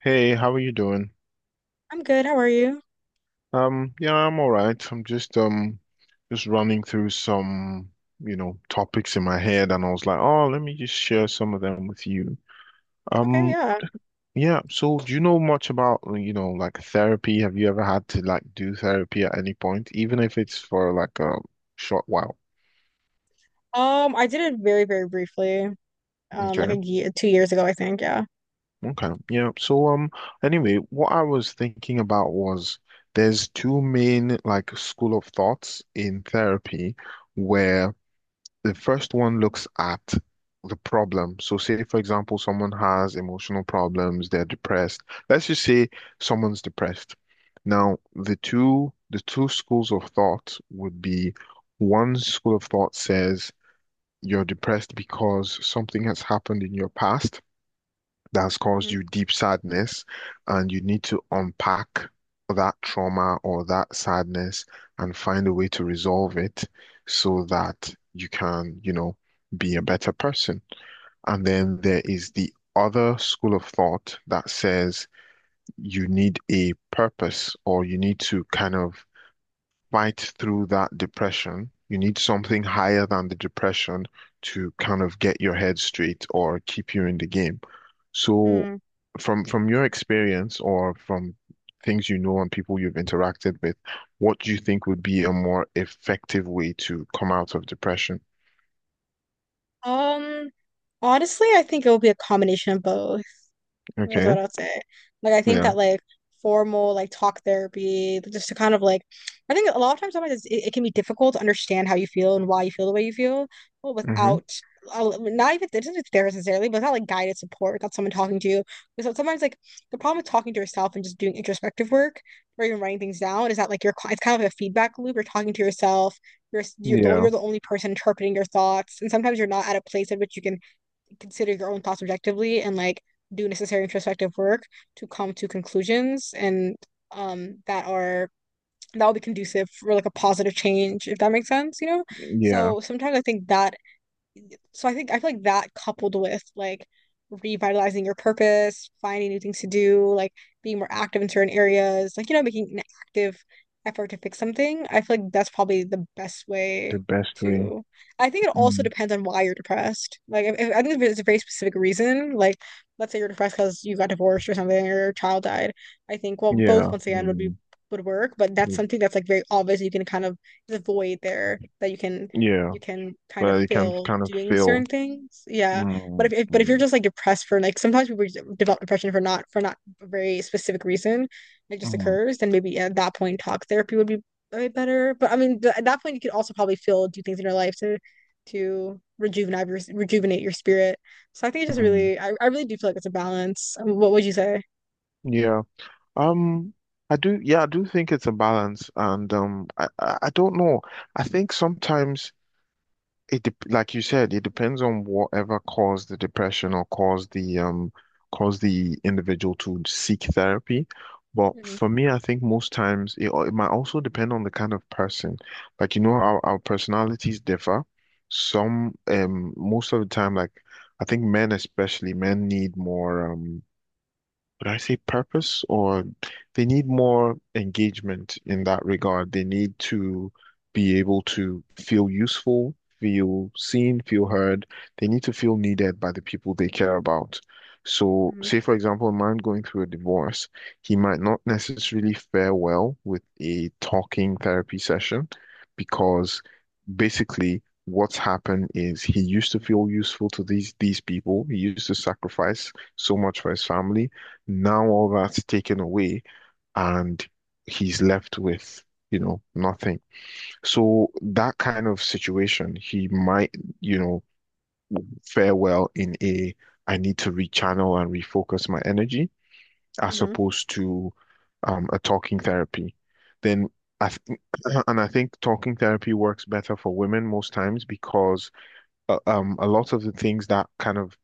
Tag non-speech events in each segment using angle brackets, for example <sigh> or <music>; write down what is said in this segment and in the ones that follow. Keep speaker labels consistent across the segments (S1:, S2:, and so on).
S1: Hey, how are you doing?
S2: I'm good. How are you?
S1: Yeah, I'm all right. I'm just running through some topics in my head and I was like, "Oh, let me just share some of them with you."
S2: Okay,
S1: Um,
S2: yeah.
S1: yeah, so do you know much about, you know, like therapy? Have you ever had to like do therapy at any point, even if it's for like a short while?
S2: I did it very, very briefly. Like
S1: Okay.
S2: a year, 2 years ago, I think. Yeah.
S1: Okay. Yeah. So anyway, what I was thinking about was there's two main like school of thoughts in therapy where the first one looks at the problem. So, say, for example, someone has emotional problems, they're depressed. Let's just say someone's depressed. Now, the two schools of thought would be one school of thought says you're depressed because something has happened in your past, that has caused you deep sadness, and you need to unpack that trauma or that sadness and find a way to resolve it so that you can, you know, be a better person. And then there is the other school of thought that says you need a purpose or you need to kind of fight through that depression. You need something higher than the depression to kind of get your head straight or keep you in the game. So
S2: hmm
S1: from your experience or from things you know and people you've interacted with, what do you think would be a more effective way to come out of depression?
S2: Um, Honestly, I think it will be a combination of both. That's
S1: Okay.
S2: what I'd say. Like I think
S1: Yeah.
S2: that like formal like talk therapy, just to kind of like, I think a lot of times sometimes it can be difficult to understand how you feel and why you feel the way you feel, well,
S1: Mm-hmm.
S2: without not even it isn't there necessarily, but not like guided support without someone talking to you. Because so, sometimes like the problem with talking to yourself and just doing introspective work or even writing things down is that like you're it's kind of a feedback loop. You're talking to yourself. You're the,
S1: Yeah.
S2: you're the only person interpreting your thoughts, and sometimes you're not at a place at which you can consider your own thoughts objectively and like do necessary introspective work to come to conclusions and that are that will be conducive for like a positive change if that makes sense.
S1: Yeah.
S2: So sometimes I think I feel like that coupled with like revitalizing your purpose, finding new things to do, like being more active in certain areas, like you know, making an active effort to fix something, I feel like that's probably the best
S1: The
S2: way
S1: best way.
S2: to. I think it also
S1: Mm.
S2: depends on why you're depressed. Like I think if it's a very specific reason, like let's say you're depressed because you got divorced or something or your child died, I think well both
S1: Yeah.
S2: once again
S1: Mm.
S2: would work, but that's something that's like very obvious you can kind of there's a void there that
S1: Yeah.
S2: you can kind of
S1: But you can
S2: feel
S1: kind of
S2: doing certain
S1: feel.
S2: things. Yeah. But
S1: Mm.
S2: if
S1: Mm.
S2: you're just like depressed for like sometimes people just develop depression for not a very specific reason, it just
S1: Mm.
S2: occurs, then maybe yeah, at that point talk therapy would be a bit better. But I mean at that point you could also probably feel do things in your life to rejuvenate your spirit. So I think it just
S1: Hmm.
S2: really I really do feel like it's a balance. What would you say?
S1: Yeah. Um, I do, yeah, I do think it's a balance and um, I I don't know. I think sometimes it dep like you said, it depends on whatever caused the depression or caused the individual to seek therapy. But
S2: Mm-hmm.
S1: for me, I think most times it, al- it might also depend on the kind of person. Like you know, our personalities differ. Some most of the time, like I think men especially, men need more would I say purpose or they need more engagement in that regard. They need to be able to feel useful, feel seen, feel heard. They need to feel needed by the people they care about. So,
S2: Mm-hmm.
S1: say for example, a man going through a divorce, he might not necessarily fare well with a talking therapy session because basically what's happened is he used to feel useful to these people. He used to sacrifice so much for his family now all that's taken away and he's left with, you know, nothing. So that kind of situation, he might, you know, fare well in a I need to rechannel and refocus my energy as
S2: Mm-hmm.
S1: opposed to a talking therapy. Then I th <clears throat> and I think talking therapy works better for women most times because a lot of the things that kind of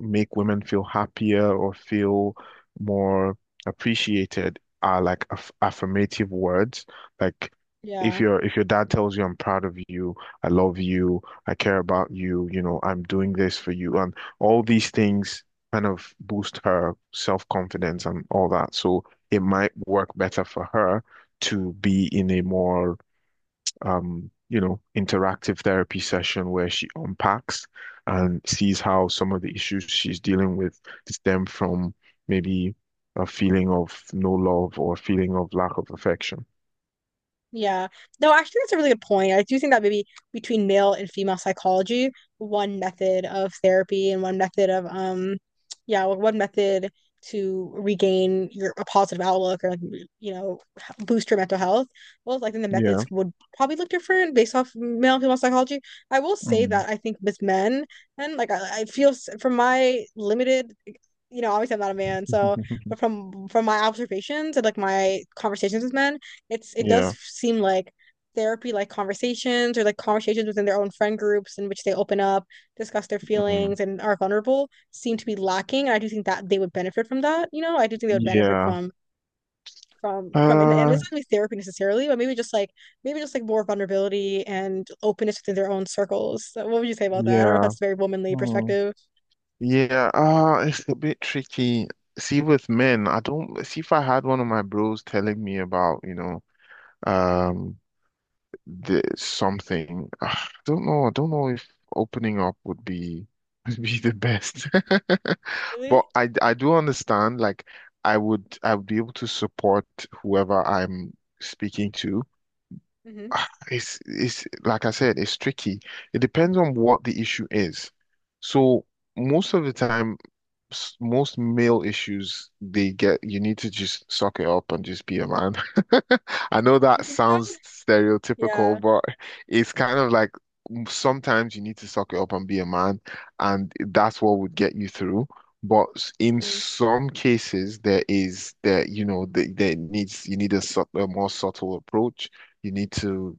S1: make women feel happier or feel more appreciated are like aff affirmative words. Like
S2: Yeah.
S1: if your dad tells you I'm proud of you, I love you, I care about you, you know, I'm doing this for you, and all these things kind of boost her self-confidence and all that. So it might work better for her to be in a more you know, interactive therapy session where she unpacks and sees how some of the issues she's dealing with stem from maybe a feeling of no love or a feeling of lack of affection.
S2: Yeah. No, actually, that's a really good point. I do think that maybe between male and female psychology, one method of therapy and one method of yeah, one method to regain your a positive outlook or like you know boost your mental health. Well, I think the
S1: Yeah.
S2: methods would probably look different based off male and female psychology. I will say
S1: Mm.
S2: that I think with men and like I feel from my limited you know, obviously I'm not a man, so but
S1: <laughs>
S2: from my observations and like my conversations with men, it does
S1: Yeah.
S2: seem like therapy like conversations or like conversations within their own friend groups in which they open up, discuss their
S1: Mm.
S2: feelings and are vulnerable seem to be lacking. And I do think that they would benefit from that, you know. I do think they would benefit
S1: Yeah.
S2: from and
S1: Uh,
S2: it's not really therapy necessarily, but maybe just like more vulnerability and openness within their own circles. So what would you say about that? I don't know if
S1: yeah.
S2: that's a very womanly
S1: Hmm.
S2: perspective.
S1: Yeah. It's a bit tricky. See, with men, I don't see if I had one of my bros telling me about, you know, um there's something. <sighs> I don't know. I don't know if opening up would be <laughs> would be the best. <laughs> But
S2: Really?
S1: I do understand. Like I would be able to support whoever I'm speaking to.
S2: Mm-hmm.
S1: Ah, it's like I said, it's tricky. It depends on what the issue is. So most of the time, s- most male issues they get you need to just suck it up and just be a man. <laughs> I know
S2: You
S1: that
S2: think so?
S1: sounds stereotypical,
S2: Yeah.
S1: but it's kind of like sometimes you need to suck it up and be a man, and that's what would get you through. But s- in
S2: Mm.
S1: some cases, there is that you know that there needs you need a, sub- a more subtle approach. You need to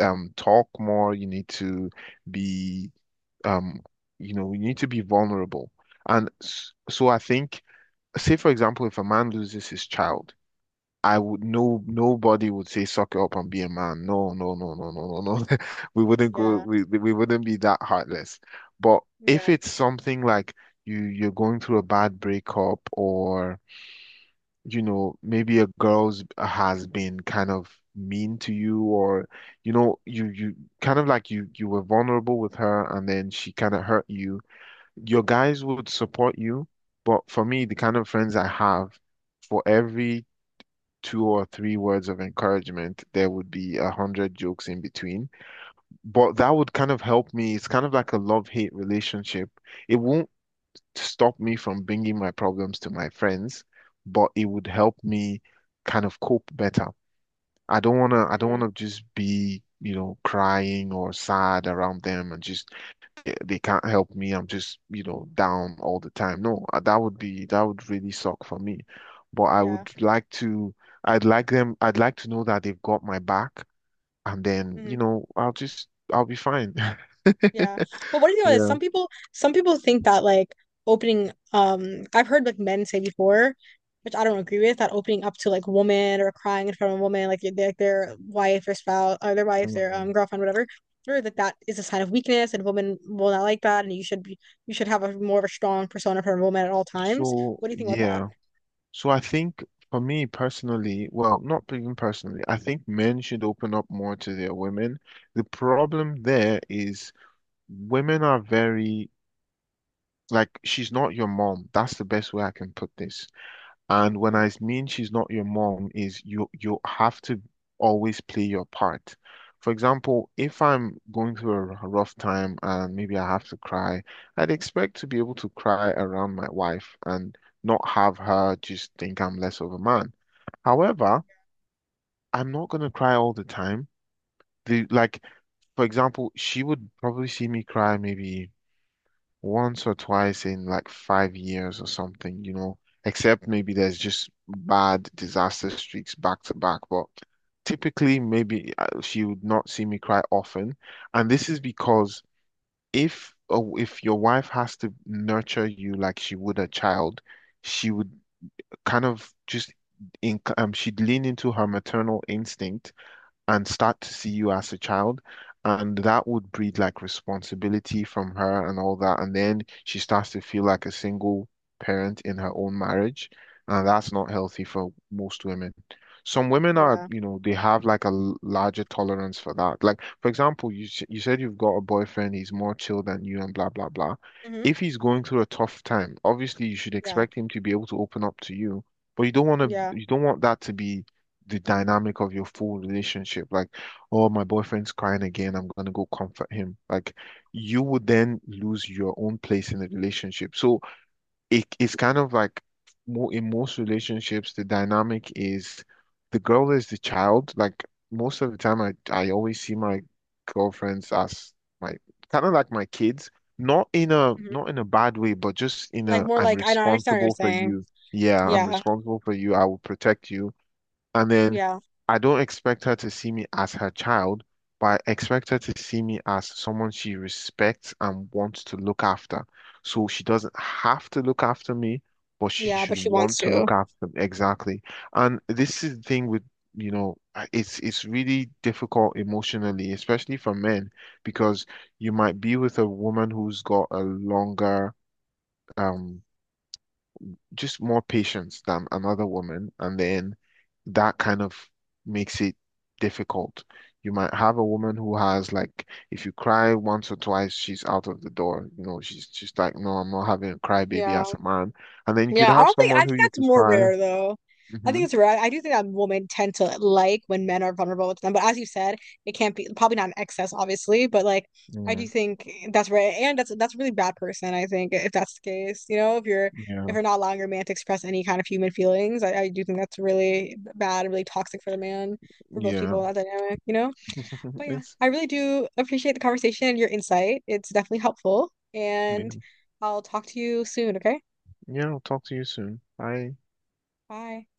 S1: talk more. You need to be um, you know, we need to be vulnerable. And s- so I think, say for example, if a man loses his child, I would no nobody would say suck it up and be a man. No, no, no, no, no, no, no. <laughs> We wouldn't go.
S2: Yeah.
S1: We wouldn't be that heartless. But if
S2: Yeah.
S1: it's something like you you're going through a bad breakup or you know maybe a girl's has been kind of mean to you or you know you kind of like you were vulnerable with her and then she kind of hurt you your guys would support you, but for me, the kind of friends I have, for every 2 or 3 words of encouragement, there would be 100 jokes in between. But that would kind of help me. It's kind of like a love-hate relationship. It won't stop me from bringing my problems to my friends, but it would help me kind of cope better. I don't
S2: Mm.
S1: wanna just be, you know, crying or sad around them and just they can't help me. I'm just, you know, down all the time. No, that would be that would really suck for me. But
S2: Yeah.
S1: I'd like them, I'd like to know that they've got my back, and then, you
S2: Mhm.
S1: know, I'll be fine.
S2: Yeah.
S1: <laughs>
S2: Well, what do you think about this?
S1: Yeah.
S2: Some people think that like opening I've heard like men say before, which I don't agree with, that opening up to like a woman or crying in front of a woman, like their wife or spouse or their
S1: Mm.
S2: girlfriend, whatever, or that that is a sign of weakness and women will not like that and you should be you should have a more of a strong persona for a woman at all times.
S1: So,
S2: What do you think about that?
S1: yeah. So I think for me personally, well, not even personally, I think men should open up more to their women. The problem there is women are very like, she's not your mom. That's the best way I can put this. And when
S2: Mm,
S1: I mean she's not your mom, is you have to always play your part. For example, if I'm going through a r- rough time and maybe I have to cry, I'd expect to be able to cry around my wife and not have her just think I'm less of a man. However, I'm not gonna cry all the time. The like, for example, she would probably see me cry maybe once or twice in like 5 years or something, you know, except maybe there's just bad disaster streaks back to back. But typically, maybe she would not see me cry often. And this is because if your wife has to nurture you like she would a child, she would kind of just she'd lean into her maternal instinct and start to see you as a child. And that would breed like responsibility from her and all that. And then she starts to feel like a single parent in her own marriage. And that's not healthy for most women. Some women are,
S2: yeah.
S1: you know, they have like a l- larger tolerance for that. Like, for example, you said you've got a boyfriend, he's more chill than you and blah, blah, blah.
S2: hmm
S1: If he's going through a tough time, obviously you should
S2: Yeah.
S1: expect him to be able to open up to you, but
S2: Yeah.
S1: you don't want that to be the dynamic of your full relationship. Like, oh, my boyfriend's crying again. I'm gonna go comfort him. Like, you would then lose your own place in the relationship. So it's kind of like more in most relationships, the dynamic is the girl is the child. Like most of the time, I always see my girlfriends as my kind of like my kids.
S2: hmm
S1: Not in a bad way, but just in
S2: Like
S1: a
S2: more
S1: I'm
S2: like I don't I understand what you're
S1: responsible for
S2: saying.
S1: you. Yeah, I'm
S2: Yeah.
S1: responsible for you. I will protect you. And then
S2: Yeah.
S1: I don't expect her to see me as her child, but I expect her to see me as someone she respects and wants to look after. So she doesn't have to look after me, but she
S2: Yeah, but
S1: should
S2: she wants
S1: want to
S2: to.
S1: look after me. Exactly. And this is the thing with, you know, it's really difficult emotionally, especially for men, because you might be with a woman who's got a longer um just more patience than another woman, and then that kind of makes it difficult. You might have a woman who has like, if you cry once or twice, she's out of the door. You know, she's just like, no, I'm not having a cry baby as
S2: Yeah.
S1: a man. And then you could
S2: Yeah, I
S1: have
S2: don't think I
S1: someone
S2: think
S1: who you
S2: that's
S1: could
S2: more
S1: cry.
S2: rare though. I
S1: Hmm.
S2: think it's rare. I do think that women tend to like when men are vulnerable with them, but as you said, it can't be probably not in excess, obviously, but like I
S1: Yeah,
S2: do think that's rare, and that's a really bad person, I think, if that's the case. You know, if
S1: yeah,
S2: you're not allowing your man to express any kind of human feelings, I do think that's really bad and really toxic for the man, for both
S1: yeah.
S2: people, that dynamic, you know?
S1: <laughs>
S2: But yeah,
S1: It's
S2: I really do appreciate the conversation and your insight. It's definitely helpful, and
S1: yeah.
S2: I'll talk to you soon, okay?
S1: Yeah, I'll talk to you soon. Bye.
S2: Bye.